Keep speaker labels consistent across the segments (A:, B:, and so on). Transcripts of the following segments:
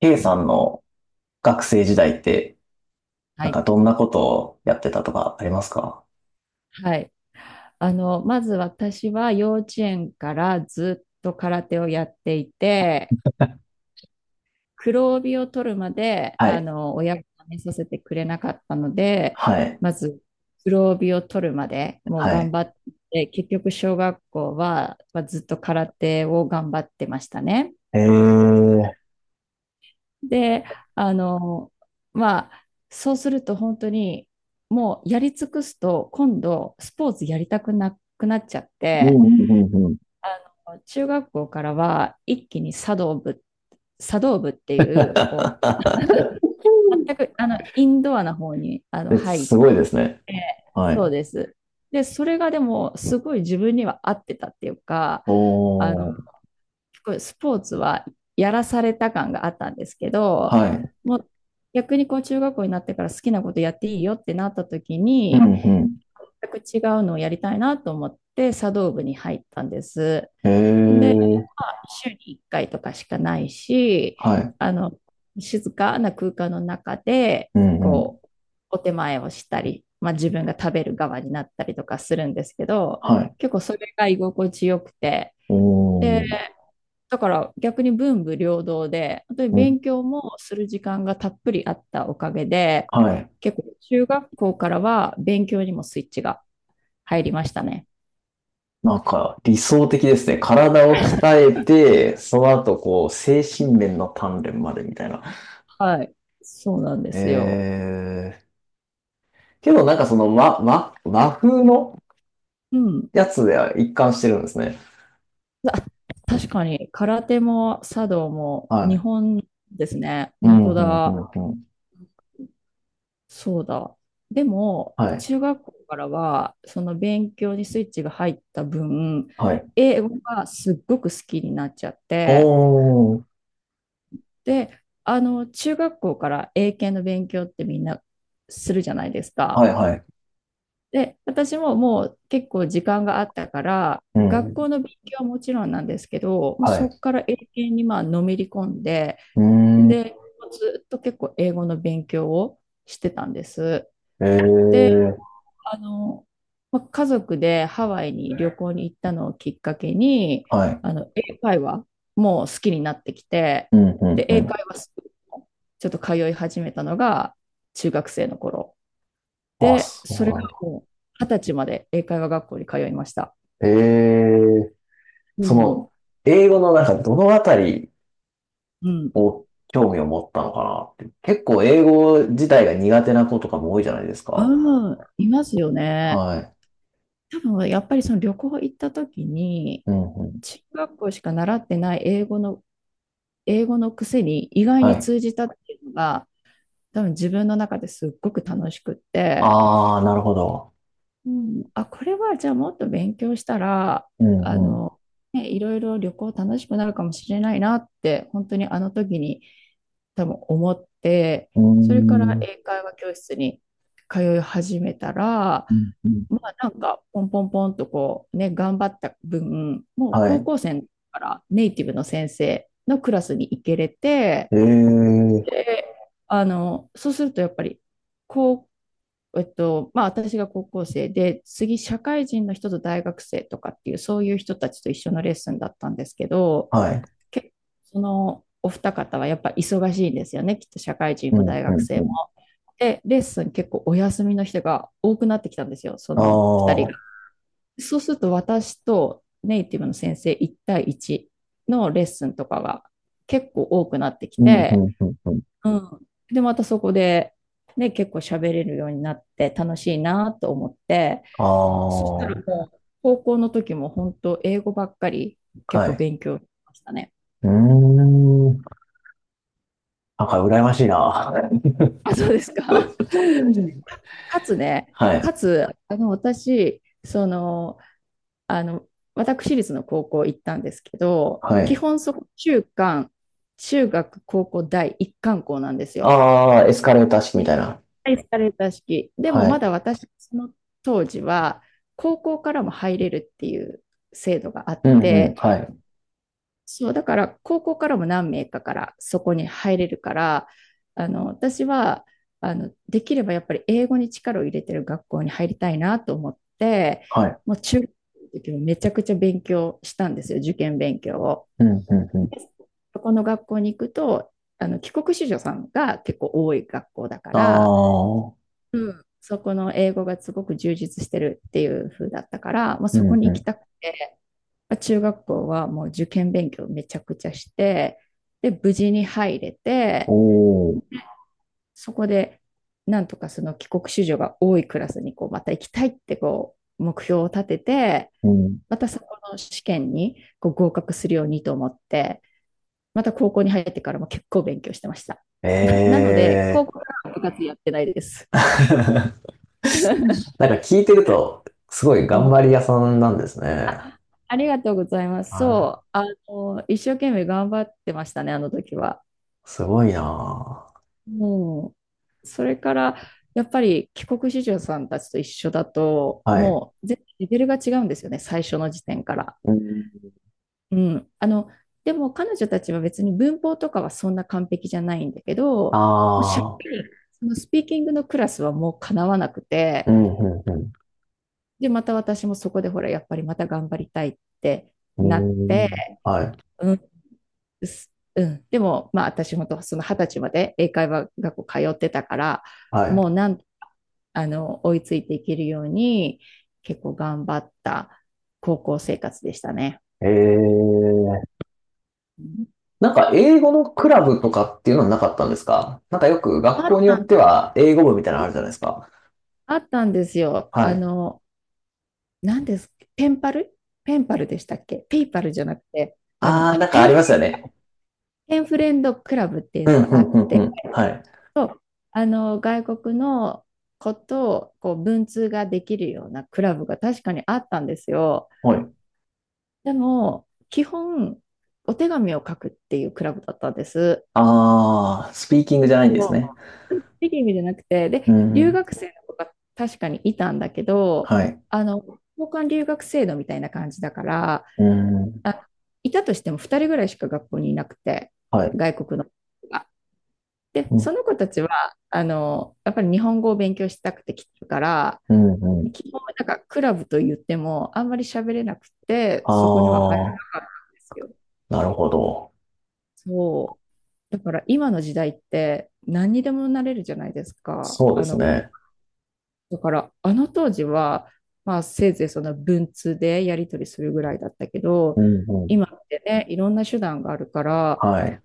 A: K さんの学生時代って、な
B: は
A: ん
B: い。
A: かどんなことをやってたとかありますか？
B: はい。まず私は幼稚園からずっと空手をやっていて、黒帯を取るまで、
A: はい、
B: 親が辞めさせてくれなかったので、
A: はい、
B: まず黒帯を取るまでもう
A: は
B: 頑
A: い。
B: 張って、結局小学校は、まあずっと空手を頑張ってましたね。
A: えー、うん、
B: で、あの、まあ、そうすると本当にもうやり尽くすと今度スポーツやりたくなくなっちゃっ
A: う
B: て、
A: ん、うん、うん。
B: 中学校からは一気に茶道部、茶道部っていう、こ う、全くあのインドアな方に
A: え、
B: 入っ
A: すごいですね。
B: て、
A: は
B: そう
A: い。
B: です。で、それがでもすごい自分には合ってたっていうか、
A: お
B: あの、
A: ー、
B: すごいスポーツはやらされた感があったんですけど、
A: はい。
B: もう逆にこう中学校になってから好きなことやっていいよってなった時
A: う
B: に、
A: ん、う
B: 全く違うのをやりたいなと思って茶道部に入ったんです。
A: ん。え
B: で、
A: ー、
B: 週に1回とかしかないし、
A: はい。
B: あの、静かな空間の中で、
A: うん、うん。
B: こう、お手前をしたり、まあ、自分が食べる側になったりとかするんですけど、
A: はい。
B: 結構それが居心地よくて、で、
A: おー、
B: だから逆に文武両道で、本当に
A: うん、
B: 勉強もする時間がたっぷりあったおかげで、
A: はい。
B: 結構中学校からは勉強にもスイッチが入りましたね。
A: なんか理想的ですね。体を鍛えて、その後こう、精神面の鍛錬までみたいな。
B: はい。そうなんで
A: え
B: すよ。
A: ーけどなんかその、ま、和風の
B: うん。
A: やつでは一貫してるんですね。
B: あ、確かに、空手も茶道も
A: は
B: 日
A: い。
B: 本ですね。
A: う
B: 本
A: ん、
B: 当
A: うん、う
B: だ。
A: ん、うん。
B: そうだ。でも、
A: はい。
B: 中学校からは、その勉強にスイッチが入った分、
A: はい。
B: 英語がすっごく好きになっちゃって、
A: おー。
B: で、中学校から英検の勉強ってみんなするじゃないですか。
A: はい、はい。
B: で、私ももう結構時間があったから、
A: う
B: 学
A: ん。
B: 校の勉強はもちろんなんですけど、もう
A: は
B: そこ
A: い。
B: から英検にまあのめり込んで、
A: うーん。
B: で、ずっと結構英語の勉強をしてたんです。
A: えー。
B: あの、まあ、家族でハワイに旅行に行ったのをきっかけに、
A: はい。
B: 英会話もう好きになってきて、
A: うん、うん、
B: で、
A: う
B: 英
A: ん。
B: 会話スクールもちょっと通い始めたのが中学生の頃。
A: あ、
B: で、
A: そ
B: そ
A: う
B: れが
A: なんだ。
B: もう二十歳まで英会話学校に通いました。
A: えー。
B: う
A: そ
B: ん、
A: の、英語のなんかどのあたり
B: うん、
A: を興味を持ったのかなって。結構英語自体が苦手な子とかも多いじゃないですか。
B: うん、いますよね。
A: はい。
B: 多分やっぱりその旅行行った時に、
A: うん、うん。
B: 中学校しか習ってない英語の、英語のくせに意外
A: は
B: に
A: い。
B: 通じたっていうのが、多分自分の中ですっごく楽しくって、
A: あー、なるほど。
B: うん、あ、これはじゃあもっと勉強したら、
A: う
B: あ
A: ん、うん。
B: の、ね、いろいろ旅行楽しくなるかもしれないなって、本当にあの時に多分思って、
A: うー
B: それから
A: ん、
B: 英会話教室に通い始めたら、
A: うん、うん。
B: まあなんかポンポンポンとこうね、頑張った分、もう
A: は
B: 高
A: い。
B: 校生からネイティブの先生のクラスに行けれて、
A: ええ、
B: で、そうするとやっぱり、こう、まあ私が高校生で、次社会人の人と大学生とかっていう、そういう人たちと一緒のレッスンだったんですけど、
A: はい。
B: 結構そのお二方はやっぱ忙しいんですよね、きっと社会人
A: う
B: も
A: ん、
B: 大
A: う
B: 学
A: ん、
B: 生
A: う
B: も。
A: ん。
B: で、レッスン結構お休みの人が多くなってきたんですよ、そ
A: あ
B: の二人。
A: あ、
B: そうすると私とネイティブの先生1対1のレッスンとかが結構多くなってき
A: うん、う
B: て、
A: ん、うん、うん。
B: うん。で、またそこで、ね、結構喋れるようになって楽しいなと思って、
A: あ
B: そした
A: あ、
B: ら
A: は
B: もう高校の時も本当英語ばっかり結構
A: い。
B: 勉強しましたね。
A: うーん。なんか羨ましいな。
B: あ、そうですか。かつね、
A: は
B: か
A: い、
B: つ、私、あの、私立の高校行ったんですけど、
A: は
B: 基
A: い。
B: 本そこ中学、高校、大一貫校なんですよ。
A: ああ、エスカレーター式みたいな。
B: はい、エスカレーター式。でも
A: は
B: ま
A: い。
B: だ私、その当時は、高校からも入れるっていう制度があっ
A: うん、うん、
B: て、
A: はい、
B: そう、だから高校からも何名かからそこに入れるから、私は、できればやっぱり英語に力を入れてる学校に入りたいなと思って、
A: はい。
B: もう中学の時もめちゃくちゃ勉強したんですよ、受験勉強を。
A: うん、うん、うん。
B: で、そこの学校に行くと、帰国子女さんが結構多い学校だか
A: あ
B: ら、
A: あ、
B: うん。そこの英語がすごく充実してるっていう風だったから、まあ
A: う
B: そこ
A: ん、う
B: に行き
A: ん。
B: たくて、中学校はもう受験勉強めちゃくちゃして、で、無事に入れ
A: お
B: て、
A: お、
B: そこで、なんとかその帰国子女が多いクラスにこうまた行きたいってこう目標を立てて、
A: うん。
B: またそこの試験にこう合格するようにと思って、また高校に入ってからも結構勉強してました。な、なの
A: え
B: で、高
A: え。
B: 校からは部活やってないです。
A: なんか聞いてると、すごい
B: う
A: 頑
B: ん。
A: 張り屋さんなんですね。
B: ありがとうございます。
A: はい。
B: そう、一生懸命頑張ってましたね、あの時は。
A: すごいな
B: もう、それから、やっぱり帰国子女さんたちと一緒だと、
A: ぁ。はい。
B: もう、全然レベルが違うんですよね、最初の時点から。
A: うん。
B: うん。でも彼女たちは別に文法とかはそんな完璧じゃないんだけど、もうしゃ
A: ああ。
B: そのスピーキングのクラスはもうかなわなくて、
A: うん、うん、うん。
B: で、また私もそこでほら、やっぱりまた頑張りたいって
A: うー
B: なっ
A: ん。
B: て、
A: はい。
B: うん。でも、まあ、私本当その二十歳まで英会話学校通ってたから、
A: は
B: もうなん、あの、追いついていけるように、結構頑張った高校生活でしたね。
A: い。ええ。
B: うん。
A: なんか、英語のクラブとかっていうのはなかったんですか？なんかよく学
B: あっ
A: 校によ
B: た
A: っ
B: ん、
A: ては、英語部みたいなのあるじゃないですか。
B: あったんですよ。
A: はい。
B: 何ですペンパル、ペンパルでしたっけ、ペイパルじゃなくて、
A: ああ、
B: あ、
A: なんかありますよね。
B: ペンフレンドクラブっていう
A: う
B: の
A: ん、
B: が
A: う
B: あ
A: ん
B: っ
A: うんう
B: て、
A: ん。はい。
B: 外国のことをこう文通ができるようなクラブが確かにあったんですよ。
A: はい。
B: でも、基本、お手紙を書くっていうクラブだったんです。
A: ああ、スピーキングじゃないんで
B: そ
A: すね。
B: う、いい意味じゃなくて、
A: う
B: で、留
A: ん。
B: 学生の子が確かにいたんだけど、
A: はい。
B: あの、交換留学制度みたいな感じだから、
A: うん。
B: あ、いたとしても2人ぐらいしか学校にいなくて、
A: はい。
B: 外国の子が。で、
A: うん、
B: その子たちは、やっぱり日本語を勉強したくて来てるから、
A: うん、うん。
B: 基本なんかクラブと言ってもあんまり喋れなくて、
A: あ
B: そこには入らな
A: あ、
B: かったんですよ。
A: なるほど。
B: そう。だから今の時代って何にでもなれるじゃないですか。
A: そうですね。
B: だからあの当時は、まあせいぜいその文通でやり取りするぐらいだったけど、
A: うんうん。
B: 今ってね、いろんな手段があるから、
A: はい。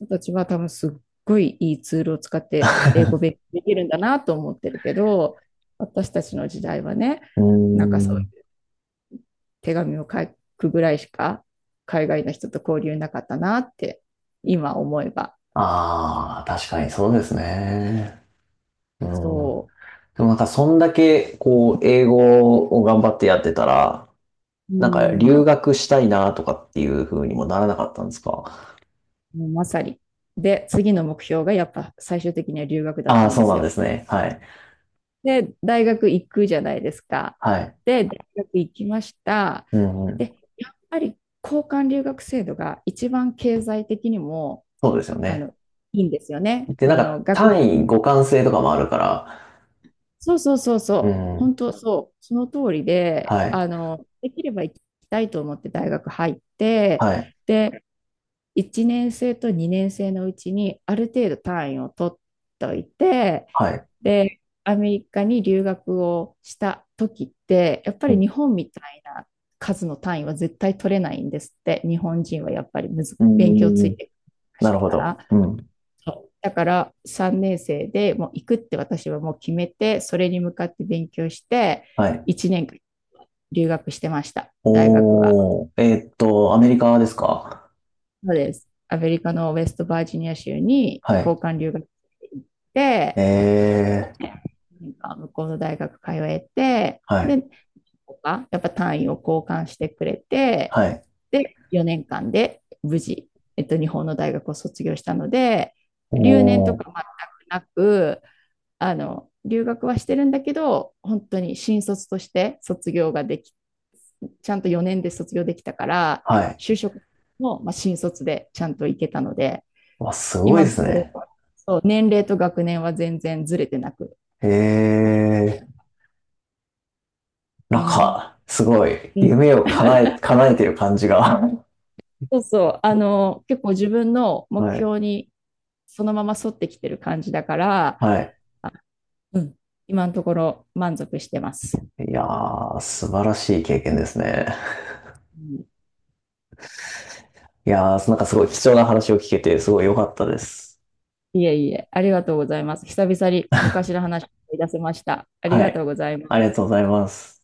B: 人たちは多分すっごいいいツールを使って英語勉 強できるんだなと思ってるけど、私たちの時代はね、
A: うー
B: なんかそう
A: ん。
B: いう手紙を書くぐらいしか海外の人と交流なかったなって今思えば。
A: ああ、確かにそうですね。うん。
B: そう。
A: でもなんかそんだけこう英語を頑張ってやってたら、
B: う
A: なんか
B: ん、
A: 留
B: も
A: 学したいなとかっていう風にもならなかったんですか？
B: うまさに。で、次の目標がやっぱ最終的には留学だっ
A: ああー、
B: たん
A: そ
B: で
A: う
B: す
A: なんで
B: よ。
A: すね。はい。
B: で、大学行くじゃないですか。
A: はい。
B: で、大学行きました。
A: うんうん。
B: で、やっぱり交換留学制度が一番経済的にも
A: そうですよ
B: あ
A: ね。
B: のいいんですよね。
A: で、な
B: そ
A: ん
B: の
A: か
B: 学費。
A: 単位互換性とかもあるから、
B: そうそうそう
A: う
B: そう、
A: ん。
B: 本当そう、その通りで、
A: はい。
B: できれば行きたいと思って大学入って、
A: はい。
B: で、1年生と2年生のうちにある程度単位を取っといて、
A: はい。
B: で、アメリカに留学をした時って、やっぱ
A: う
B: り
A: ん。
B: 日本みたいな数の単位は絶対取れないんですって、日本人はやっぱりむず
A: うー
B: 勉強つ
A: ん。
B: いてるら
A: な
B: し
A: る
B: い
A: ほ
B: か
A: ど。う
B: ら。
A: ん。
B: だから3年生でもう行くって私はもう決めて、それに向かって勉強して、
A: はい。
B: 1年間留学してました、大学は。
A: おー、アメリカですか？
B: そうです。アメリカのウェストバージニア州に
A: はい。
B: 交換留学行って、
A: えー、
B: 向こうの大学通えて、
A: はい、
B: で、やっぱ単位を交換してくれて、
A: はい。
B: で、4年間で無事、日本の大学を卒業したので、留年と
A: お
B: か全
A: ー、
B: くなく、留学はしてるんだけど、本当に新卒として卒業ができ、ちゃんと4年で卒業できたから、
A: はい。
B: 就職も、まあ、新卒でちゃんと行けたので、
A: わ、すごい
B: 今
A: で
B: のと
A: す
B: ころ、
A: ね。
B: そう、年齢と学年は全然ずれてなく、こ
A: えー、な
B: う
A: ん
B: ん。
A: か、すごい、
B: うん。
A: 夢を叶え、叶えてる感じが。
B: そうそう、結構自分の
A: は
B: 目
A: い、
B: 標にそのまま沿ってきてる感じだから、
A: はい。
B: あ、うん、今のところ満足してます。
A: いやー、素晴らしい経験ですね。
B: うん。
A: いやー、なんかすごい貴重な話を聞けて、すごい良かったです。
B: いえいえ、ありがとうございます。久々に昔の話を思い出せました。あり
A: は
B: がとう
A: い。
B: ございま
A: ありがと
B: す。
A: うございます。